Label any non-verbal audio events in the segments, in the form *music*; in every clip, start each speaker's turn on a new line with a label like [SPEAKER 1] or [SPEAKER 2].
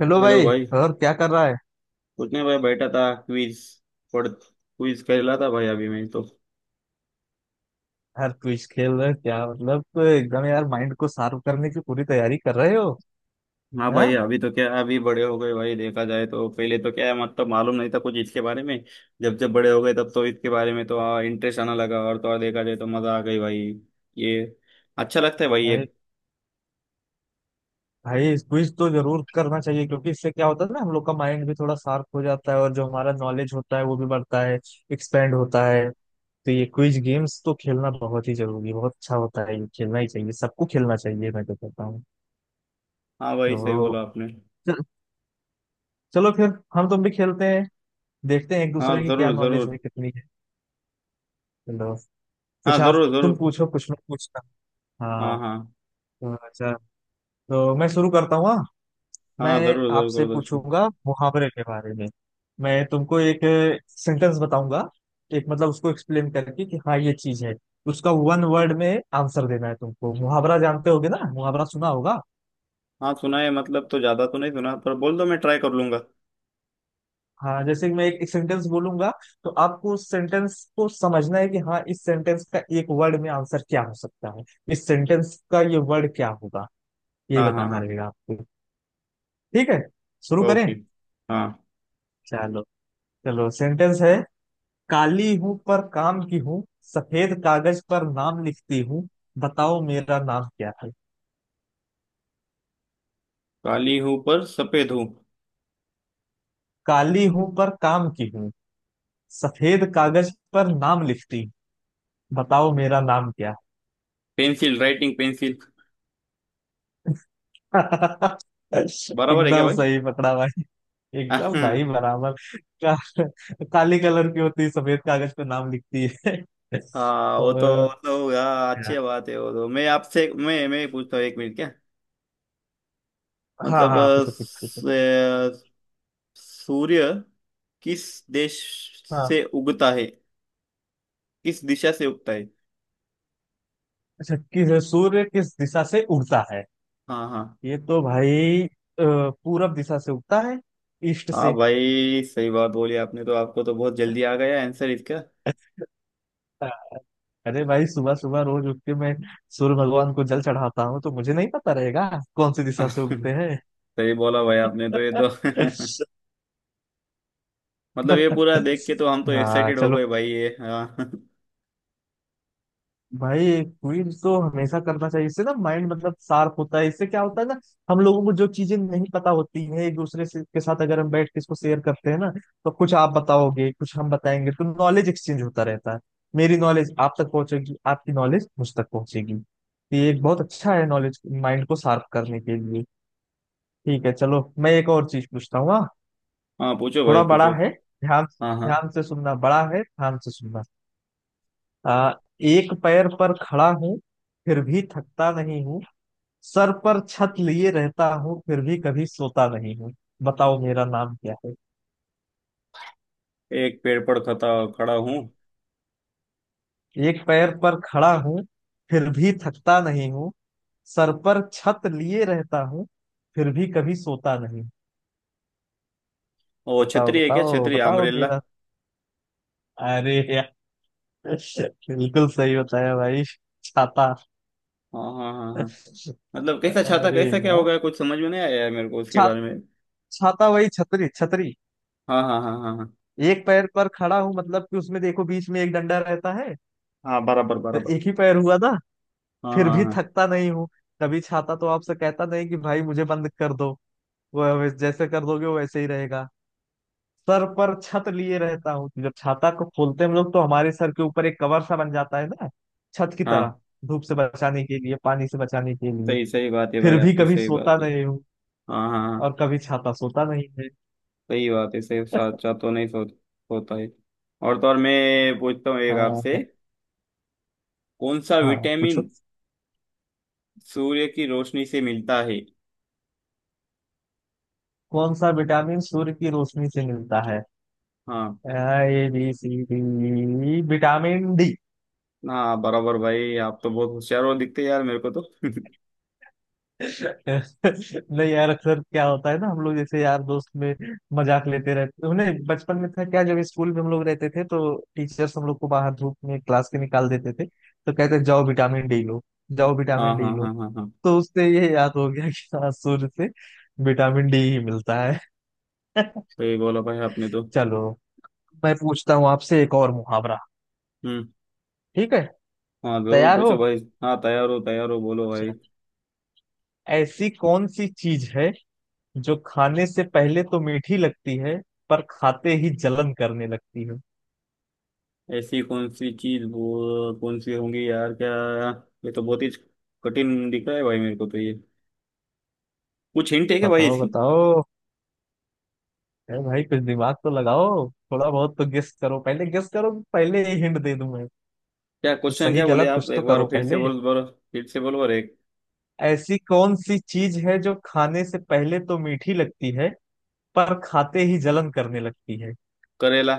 [SPEAKER 1] Hello
[SPEAKER 2] hello
[SPEAKER 1] भाई।
[SPEAKER 2] भाई।
[SPEAKER 1] और क्या कर रहा है।
[SPEAKER 2] कुछ नहीं भाई, बैठा था। क्विज क्विज खेला था भाई अभी मैं तो।
[SPEAKER 1] यार, क्विज खेल रहे हैं क्या? मतलब तो एकदम यार, माइंड को शार्प करने की पूरी तैयारी कर रहे हो।
[SPEAKER 2] हाँ भाई,
[SPEAKER 1] हाँ
[SPEAKER 2] अभी तो क्या, अभी बड़े हो गए भाई। देखा जाए तो पहले तो क्या है, मतलब मालूम नहीं था कुछ इसके बारे में। जब जब बड़े हो गए तब तो इसके बारे में तो इंटरेस्ट आना लगा, और तो और देखा जाए तो मजा आ गई भाई ये। अच्छा लगता है भाई ये।
[SPEAKER 1] भाई। भाई, क्विज तो जरूर करना चाहिए, क्योंकि इससे क्या होता है ना, हम लोग का माइंड भी थोड़ा शार्प हो जाता है, और जो हमारा नॉलेज होता है वो भी बढ़ता है, एक्सपेंड होता है। तो ये क्विज गेम्स तो खेलना बहुत ही जरूरी, बहुत अच्छा होता है ये, खेलना ही चाहिए, सबको खेलना चाहिए मैं तो कहता हूँ।
[SPEAKER 2] हाँ भाई, सही
[SPEAKER 1] तो
[SPEAKER 2] बोला आपने।
[SPEAKER 1] चल- चलो फिर, हम तुम भी खेलते हैं, देखते हैं एक
[SPEAKER 2] हाँ
[SPEAKER 1] दूसरे की क्या
[SPEAKER 2] जरूर जरूर।
[SPEAKER 1] नॉलेज है, कितनी है। चलो,
[SPEAKER 2] हाँ
[SPEAKER 1] कुछ आप
[SPEAKER 2] जरूर जरूर।
[SPEAKER 1] तुम पूछो, कुछ मैं पूछता हूँ।
[SPEAKER 2] हाँ
[SPEAKER 1] हाँ।
[SPEAKER 2] हाँ।
[SPEAKER 1] तो अच्छा, तो मैं शुरू करता हूँ, हाँ?
[SPEAKER 2] हाँ
[SPEAKER 1] मैं
[SPEAKER 2] जरूर जरूर
[SPEAKER 1] आपसे
[SPEAKER 2] करो दोस्तों।
[SPEAKER 1] पूछूंगा मुहावरे के बारे में। मैं तुमको एक सेंटेंस बताऊंगा, एक मतलब उसको एक्सप्लेन करके कि हाँ ये चीज है, उसका वन वर्ड में आंसर देना है तुमको। मुहावरा जानते होगे ना, मुहावरा सुना होगा।
[SPEAKER 2] हाँ सुना है, मतलब तो ज्यादा तो नहीं सुना, पर बोल दो मैं ट्राई कर लूंगा।
[SPEAKER 1] हाँ, जैसे कि मैं एक सेंटेंस बोलूंगा, तो आपको उस सेंटेंस को समझना है कि हाँ, इस सेंटेंस का एक वर्ड में आंसर क्या हो सकता है, इस सेंटेंस का ये वर्ड क्या होगा, यही
[SPEAKER 2] हाँ हाँ
[SPEAKER 1] बताना
[SPEAKER 2] हाँ।
[SPEAKER 1] रहेगा आपको। ठीक है, शुरू करें।
[SPEAKER 2] ओके। हाँ।
[SPEAKER 1] चलो। चलो, सेंटेंस है। काली हूं पर काम की हूँ, सफेद कागज पर नाम लिखती हूँ, बताओ मेरा नाम क्या है।
[SPEAKER 2] काली हूं पर सफेद हूं।
[SPEAKER 1] काली हूं पर काम की हूँ, सफेद कागज पर नाम लिखती हूँ, बताओ मेरा नाम क्या
[SPEAKER 2] पेंसिल, राइटिंग पेंसिल।
[SPEAKER 1] है। *laughs*
[SPEAKER 2] बराबर है क्या
[SPEAKER 1] एकदम
[SPEAKER 2] भाई?
[SPEAKER 1] सही पकड़ा भाई।
[SPEAKER 2] *laughs*
[SPEAKER 1] एकदम
[SPEAKER 2] हाँ।
[SPEAKER 1] भाई, बराबर। का, काली कलर की होती है, सफेद कागज पर नाम लिखती है। *laughs*
[SPEAKER 2] हाँ, वो तो
[SPEAKER 1] तो,
[SPEAKER 2] वो तो हाँ, अच्छी बात है। वो तो मैं आपसे मैं पूछता हूँ एक मिनट, क्या
[SPEAKER 1] हाँ
[SPEAKER 2] मतलब
[SPEAKER 1] हाँ, पूछो पूछो पूछो।
[SPEAKER 2] अ, सूर्य किस देश
[SPEAKER 1] हाँ,
[SPEAKER 2] से उगता है किस दिशा से उगता है?
[SPEAKER 1] अच्छा, किस सूर्य, किस दिशा से उगता है।
[SPEAKER 2] हाँ हाँ।
[SPEAKER 1] ये तो भाई अ, पूरब दिशा से उगता है, ईस्ट
[SPEAKER 2] हाँ
[SPEAKER 1] से।
[SPEAKER 2] भाई, सही बात बोली आपने तो, आपको तो बहुत जल्दी आ गया आंसर इसका।
[SPEAKER 1] हाँ, अरे भाई, सुबह सुबह रोज उठ के मैं सूर्य भगवान को जल चढ़ाता हूँ, तो मुझे नहीं पता रहेगा कौन सी दिशा से उगते
[SPEAKER 2] *laughs*
[SPEAKER 1] हैं।
[SPEAKER 2] सही बोला भाई आपने तो, ये तो।
[SPEAKER 1] *laughs*
[SPEAKER 2] *laughs* मतलब ये पूरा देख के तो हम तो
[SPEAKER 1] हाँ,
[SPEAKER 2] एक्साइटेड हो
[SPEAKER 1] चलो।
[SPEAKER 2] गए भाई ये। हाँ।
[SPEAKER 1] भाई, क्विज तो हमेशा करना चाहिए, इससे ना माइंड मतलब शार्प होता है, इससे क्या होता है ना, हम लोगों को जो चीजें नहीं पता होती हैं, एक दूसरे से के साथ अगर हम बैठ के इसको शेयर करते हैं ना, तो कुछ आप बताओगे कुछ हम बताएंगे, तो नॉलेज एक्सचेंज होता रहता है। मेरी नॉलेज आप तक पहुंचेगी, आपकी नॉलेज मुझ तक पहुंचेगी, तो ये एक बहुत अच्छा है नॉलेज माइंड को शार्प करने के लिए। ठीक है, चलो, मैं एक और चीज पूछता हूँ, हाँ?
[SPEAKER 2] हाँ पूछो भाई
[SPEAKER 1] थोड़ा बड़ा
[SPEAKER 2] पूछो।
[SPEAKER 1] है, ध्यान
[SPEAKER 2] हाँ हाँ।
[SPEAKER 1] ध्यान से सुनना, बड़ा है, ध्यान से सुनना। आ, एक पैर पर खड़ा हूँ, फिर भी थकता नहीं हूँ, सर पर छत लिए रहता हूँ, फिर भी कभी सोता नहीं हूँ, बताओ मेरा नाम क्या है।
[SPEAKER 2] एक पेड़ पर खता खड़ा हूँ।
[SPEAKER 1] एक पैर पर खड़ा हूँ, फिर भी थकता नहीं हूँ, सर पर छत लिए रहता हूँ, फिर भी कभी सोता नहीं हूँ।
[SPEAKER 2] ओ
[SPEAKER 1] बताओ
[SPEAKER 2] छतरी है क्या,
[SPEAKER 1] बताओ
[SPEAKER 2] छतरी,
[SPEAKER 1] बताओ
[SPEAKER 2] अम्ब्रेला।
[SPEAKER 1] मेरा। अरे यार, बिल्कुल सही बताया भाई, छाता।
[SPEAKER 2] हाँ हाँ हाँ हाँ। मतलब कैसा छाता,
[SPEAKER 1] अरे
[SPEAKER 2] कैसा क्या
[SPEAKER 1] यार,
[SPEAKER 2] होगा, कुछ समझ में नहीं आया है मेरे को उसके
[SPEAKER 1] छा,
[SPEAKER 2] बारे में।
[SPEAKER 1] छाता, वही छतरी छतरी।
[SPEAKER 2] हाँ हाँ हाँ हाँ हाँ।
[SPEAKER 1] एक पैर पर खड़ा हूँ, मतलब कि उसमें देखो बीच में एक डंडा रहता है,
[SPEAKER 2] हाँ बराबर
[SPEAKER 1] तो
[SPEAKER 2] बराबर।
[SPEAKER 1] एक ही पैर हुआ ना।
[SPEAKER 2] हाँ
[SPEAKER 1] फिर
[SPEAKER 2] हाँ
[SPEAKER 1] भी
[SPEAKER 2] हाँ।
[SPEAKER 1] थकता नहीं हूँ, कभी छाता तो आपसे कहता नहीं कि भाई मुझे बंद कर दो, वो जैसे कर दोगे वो वैसे ही रहेगा। सर पर छत लिए रहता हूँ, तो जब छाता को खोलते हैं हम लोग, तो हमारे सर के ऊपर एक कवर सा बन जाता है ना, छत की
[SPEAKER 2] हाँ
[SPEAKER 1] तरह, धूप से बचाने के लिए, पानी से बचाने के लिए।
[SPEAKER 2] सही सही बात है भाई
[SPEAKER 1] फिर भी
[SPEAKER 2] आपकी,
[SPEAKER 1] कभी
[SPEAKER 2] सही बात
[SPEAKER 1] सोता
[SPEAKER 2] है।
[SPEAKER 1] नहीं हूँ,
[SPEAKER 2] हाँ हाँ हाँ।
[SPEAKER 1] और कभी छाता सोता नहीं है।
[SPEAKER 2] सही बात है, सही साचा
[SPEAKER 1] *laughs*
[SPEAKER 2] तो नहीं होता है। और तो और मैं पूछता हूँ एक आपसे,
[SPEAKER 1] हाँ
[SPEAKER 2] कौन सा
[SPEAKER 1] हाँ,
[SPEAKER 2] विटामिन
[SPEAKER 1] पूछो।
[SPEAKER 2] सूर्य की रोशनी से मिलता है?
[SPEAKER 1] कौन सा विटामिन सूर्य की रोशनी से मिलता है।
[SPEAKER 2] हाँ।
[SPEAKER 1] A B C D, vitamin D.
[SPEAKER 2] हाँ बराबर भाई, आप तो बहुत होशियार हो दिखते यार मेरे को तो। *laughs*
[SPEAKER 1] नहीं यार, अक्सर क्या होता है ना, हम लोग जैसे यार दोस्त में मजाक लेते रहते उन्हें, बचपन में था क्या, जब स्कूल में हम लोग रहते थे, तो टीचर्स हम लोग को बाहर धूप में क्लास के निकाल देते थे, तो कहते जाओ विटामिन डी लो, जाओ
[SPEAKER 2] हाँ
[SPEAKER 1] विटामिन
[SPEAKER 2] हाँ
[SPEAKER 1] डी लो।
[SPEAKER 2] हाँ हाँ हाँ।
[SPEAKER 1] तो उससे ये याद हो गया कि हाँ, सूर्य से विटामिन डी ही मिलता है। *laughs*
[SPEAKER 2] सही बोला भाई आपने तो।
[SPEAKER 1] चलो, मैं पूछता हूँ आपसे एक और मुहावरा,
[SPEAKER 2] हम्म।
[SPEAKER 1] ठीक है,
[SPEAKER 2] हाँ जरूर
[SPEAKER 1] तैयार हो।
[SPEAKER 2] पूछो भाई। हाँ तैयार हो बोलो भाई।
[SPEAKER 1] चलो। ऐसी कौन सी चीज है, जो खाने से पहले तो मीठी लगती है, पर खाते ही जलन करने लगती है।
[SPEAKER 2] ऐसी कौन सी चीज, वो कौन सी होंगी यार क्या, ये तो बहुत ही कठिन दिख रहा है भाई मेरे को तो ये। कुछ हिंट है क्या भाई
[SPEAKER 1] बताओ
[SPEAKER 2] इसकी?
[SPEAKER 1] बताओ। अरे भाई, कुछ दिमाग तो लगाओ, थोड़ा बहुत तो गेस करो, पहले गेस करो, कि पहले ही हिंट दे दूं मैं।
[SPEAKER 2] क्या
[SPEAKER 1] कुछ
[SPEAKER 2] क्वेश्चन
[SPEAKER 1] सही
[SPEAKER 2] क्या बोले
[SPEAKER 1] गलत
[SPEAKER 2] आप,
[SPEAKER 1] कुछ तो
[SPEAKER 2] एक बार
[SPEAKER 1] करो
[SPEAKER 2] फिर से
[SPEAKER 1] पहले।
[SPEAKER 2] बोलो। फिर से बोलो अरे।
[SPEAKER 1] ऐसी कौन सी चीज है, जो खाने से पहले तो मीठी लगती है, पर खाते ही जलन करने लगती है।
[SPEAKER 2] करेला।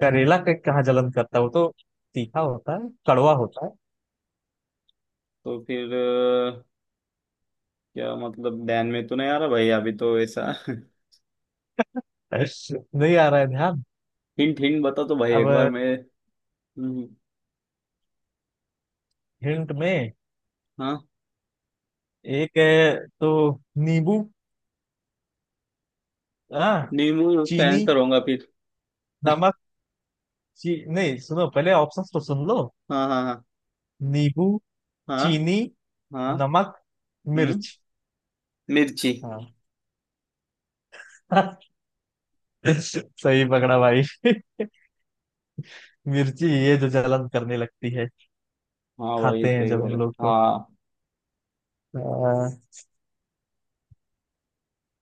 [SPEAKER 1] करेला के कहाँ जलन करता है? वो तो तीखा होता है, कड़वा होता
[SPEAKER 2] तो फिर क्या मतलब ध्यान में तो नहीं आ रहा भाई, अभी तो ऐसा *laughs*
[SPEAKER 1] है। नहीं आ रहा है ध्यान।
[SPEAKER 2] हिंट हिंट बता तो भाई एक बार
[SPEAKER 1] अब
[SPEAKER 2] मैं। हम्म,
[SPEAKER 1] हिंट में,
[SPEAKER 2] हाँ।
[SPEAKER 1] एक है तो नींबू, हाँ,
[SPEAKER 2] नींबू का
[SPEAKER 1] चीनी,
[SPEAKER 2] आंसर होगा फिर? *laughs* हाँ
[SPEAKER 1] नमक। ची नहीं, सुनो, पहले ऑप्शंस तो सुन लो।
[SPEAKER 2] हाँ
[SPEAKER 1] नींबू,
[SPEAKER 2] हाँ
[SPEAKER 1] चीनी,
[SPEAKER 2] हाँ हाँ।
[SPEAKER 1] नमक,
[SPEAKER 2] हम्म।
[SPEAKER 1] मिर्च।
[SPEAKER 2] मिर्ची।
[SPEAKER 1] हाँ। *laughs* सही पकड़ा भाई। *laughs* मिर्ची, ये जो जलन करने लगती है,
[SPEAKER 2] हाँ भाई
[SPEAKER 1] खाते हैं
[SPEAKER 2] सही
[SPEAKER 1] जब हम
[SPEAKER 2] बोले
[SPEAKER 1] लोग तो।
[SPEAKER 2] हाँ।
[SPEAKER 1] आ,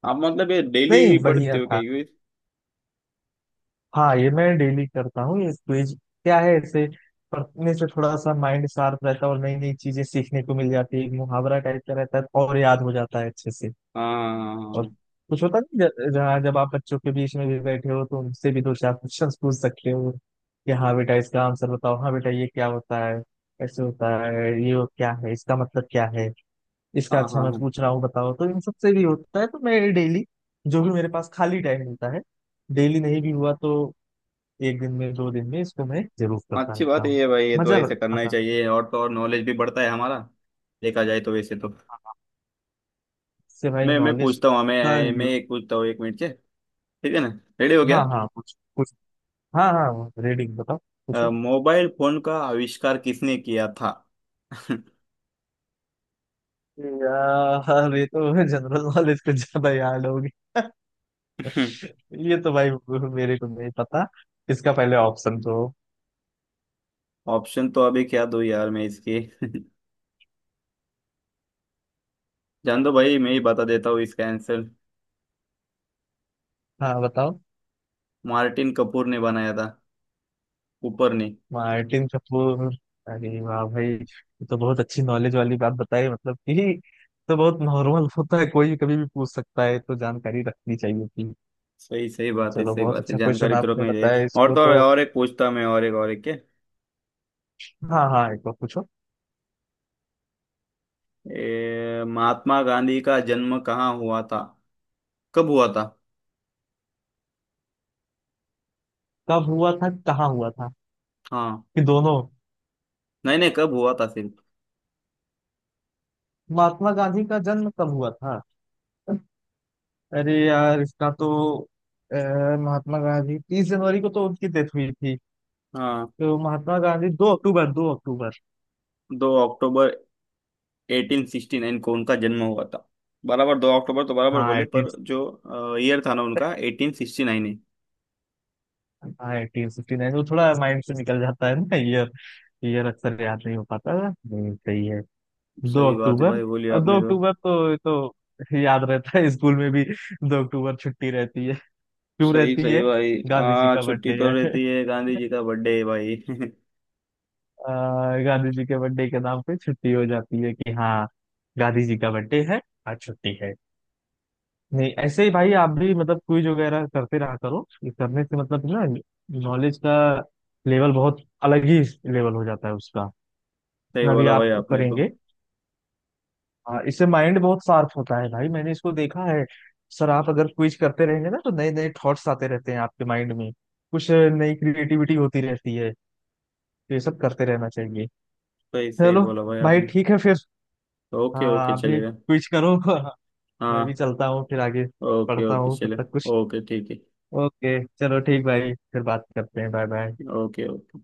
[SPEAKER 2] आप मतलब ये
[SPEAKER 1] नहीं,
[SPEAKER 2] डेली पढ़ते
[SPEAKER 1] बढ़िया
[SPEAKER 2] हो क्या
[SPEAKER 1] था।
[SPEAKER 2] यूज?
[SPEAKER 1] हाँ, ये मैं डेली करता हूँ ये क्विज, क्या है ऐसे पढ़ने से थोड़ा सा माइंड शार्प रहता है, और नई नई चीजें सीखने को मिल जाती है, एक मुहावरा टाइप का रहता है और याद हो जाता है अच्छे से। और
[SPEAKER 2] हाँ
[SPEAKER 1] कुछ होता नहीं, जहाँ जब आप बच्चों के बीच में भी बैठे हो, तो उनसे भी दो चार क्वेश्चन पूछ सकते हो, कि हाँ बेटा इसका आंसर बताओ, हाँ बेटा ये क्या होता है, ऐसे होता है ये, वो क्या है, इसका मतलब क्या है, इसका।
[SPEAKER 2] हाँ
[SPEAKER 1] अच्छा
[SPEAKER 2] हाँ
[SPEAKER 1] मैं
[SPEAKER 2] हाँ।
[SPEAKER 1] पूछ रहा हूँ बताओ, तो इन सब से भी होता है, तो मैं डेली जो भी मेरे पास खाली टाइम मिलता है, डेली नहीं भी हुआ तो एक दिन में 2 दिन में इसको मैं जरूर करता
[SPEAKER 2] अच्छी
[SPEAKER 1] रहता
[SPEAKER 2] बात है
[SPEAKER 1] हूँ।
[SPEAKER 2] ये भाई, ये तो
[SPEAKER 1] मजा
[SPEAKER 2] ऐसे करना ही
[SPEAKER 1] आता है।
[SPEAKER 2] चाहिए, और तो और नॉलेज भी बढ़ता है हमारा। देखा जाए तो वैसे तो
[SPEAKER 1] हाँ, हाँ, इससे भाई
[SPEAKER 2] मैं
[SPEAKER 1] नॉलेज
[SPEAKER 2] पूछता हूँ,
[SPEAKER 1] का।
[SPEAKER 2] मैं एक पूछता हूँ एक मिनट से। ठीक है ना, रेडी हो गया?
[SPEAKER 1] हाँ हाँ, कुछ कुछ। हाँ हाँ, रीडिंग बताओ कुछ।
[SPEAKER 2] आप मोबाइल फोन का आविष्कार किसने किया था?
[SPEAKER 1] यार, ये तो जनरल नॉलेज कुछ ज्यादा याद होगी।
[SPEAKER 2] *laughs*
[SPEAKER 1] *laughs* ये तो भाई, मेरे को नहीं पता, इसका पहले ऑप्शन तो।
[SPEAKER 2] ऑप्शन तो अभी क्या दो यार मैं इसके। *laughs* जान दो भाई, मैं ही बता देता हूँ इसका आंसर।
[SPEAKER 1] हाँ, बताओ।
[SPEAKER 2] मार्टिन कपूर ने बनाया था, ऊपर ने।
[SPEAKER 1] मार्टिन कपूर। अरे वाह भाई, ये तो बहुत अच्छी नॉलेज वाली बात बताई, मतलब कि तो बहुत नॉर्मल होता है, कोई भी कभी भी पूछ सकता है, तो जानकारी रखनी चाहिए थी।
[SPEAKER 2] सही सही बात है,
[SPEAKER 1] चलो,
[SPEAKER 2] सही
[SPEAKER 1] बहुत
[SPEAKER 2] बात है,
[SPEAKER 1] अच्छा क्वेश्चन
[SPEAKER 2] जानकारी तुरंत
[SPEAKER 1] आपने
[SPEAKER 2] में है।
[SPEAKER 1] बताया
[SPEAKER 2] और
[SPEAKER 1] इसको
[SPEAKER 2] तो और,
[SPEAKER 1] तो।
[SPEAKER 2] एक पूछता मैं और, एक और एक के
[SPEAKER 1] हाँ हाँ, एक बार पूछो।
[SPEAKER 2] महात्मा गांधी का जन्म कहाँ हुआ था, कब हुआ था?
[SPEAKER 1] कब हुआ था, कहाँ हुआ था,
[SPEAKER 2] हाँ
[SPEAKER 1] कि दोनों?
[SPEAKER 2] नहीं नहीं, कब हुआ था सिर्फ।
[SPEAKER 1] महात्मा गांधी का जन्म कब हुआ था? अरे यार, इसका तो अ, महात्मा गांधी 30 जनवरी को तो उनकी डेथ हुई थी।
[SPEAKER 2] हाँ।
[SPEAKER 1] तो महात्मा गांधी, 2 अक्टूबर, 2 अक्टूबर।
[SPEAKER 2] दो अक्टूबर 1869 को उनका जन्म हुआ था। बराबर दो अक्टूबर तो बराबर
[SPEAKER 1] हाँ
[SPEAKER 2] बोले,
[SPEAKER 1] एटीन,
[SPEAKER 2] पर जो ईयर था ना उनका 1869 है।
[SPEAKER 1] हाँ 1869, वो थोड़ा माइंड से निकल जाता है ना ईयर, ईयर अक्सर याद नहीं हो पाता है। सही है। दो
[SPEAKER 2] सही बात है
[SPEAKER 1] अक्टूबर
[SPEAKER 2] भाई बोलिए
[SPEAKER 1] अब
[SPEAKER 2] आपने
[SPEAKER 1] दो
[SPEAKER 2] तो।
[SPEAKER 1] अक्टूबर तो ये तो याद रहता है, स्कूल में भी 2 अक्टूबर छुट्टी रहती है। क्यों
[SPEAKER 2] सही
[SPEAKER 1] रहती
[SPEAKER 2] सही
[SPEAKER 1] है?
[SPEAKER 2] भाई
[SPEAKER 1] गांधी जी
[SPEAKER 2] हाँ,
[SPEAKER 1] का
[SPEAKER 2] छुट्टी
[SPEAKER 1] बर्थडे
[SPEAKER 2] तो
[SPEAKER 1] है।
[SPEAKER 2] रहती है, गांधी जी का बर्थडे है भाई। *laughs*
[SPEAKER 1] गांधी जी के बर्थडे के नाम पे छुट्टी हो जाती है, कि हाँ गांधी जी का बर्थडे है, आज छुट्टी है। नहीं, ऐसे ही भाई, आप भी मतलब क्विज वगैरह करते रहा करो, ये करने से मतलब ना नॉलेज का लेवल बहुत अलग ही लेवल हो जाता है उसका,
[SPEAKER 2] सही
[SPEAKER 1] इतना भी
[SPEAKER 2] बोला भाई
[SPEAKER 1] आप
[SPEAKER 2] आपने तो।
[SPEAKER 1] करेंगे। हाँ, इससे माइंड बहुत शार्प होता है भाई, मैंने इसको देखा है। सर, आप अगर क्विज करते रहेंगे ना, तो नए नए थॉट्स आते रहते हैं आपके माइंड में, कुछ नई क्रिएटिविटी होती रहती है, तो ये सब करते रहना चाहिए।
[SPEAKER 2] सही सही
[SPEAKER 1] चलो
[SPEAKER 2] बोला भाई
[SPEAKER 1] भाई,
[SPEAKER 2] आपने।
[SPEAKER 1] ठीक है फिर।
[SPEAKER 2] ओके
[SPEAKER 1] हाँ,
[SPEAKER 2] ओके
[SPEAKER 1] आप भी
[SPEAKER 2] चलेगा।
[SPEAKER 1] क्विज करो। *laughs* मैं भी
[SPEAKER 2] हाँ।
[SPEAKER 1] चलता हूँ, फिर आगे
[SPEAKER 2] ओके
[SPEAKER 1] पढ़ता
[SPEAKER 2] ओके
[SPEAKER 1] हूँ तब
[SPEAKER 2] चले।
[SPEAKER 1] तक कुछ।
[SPEAKER 2] ओके ठीक है।
[SPEAKER 1] ओके, चलो ठीक भाई, फिर बात करते हैं। Bye bye.
[SPEAKER 2] Okay okay.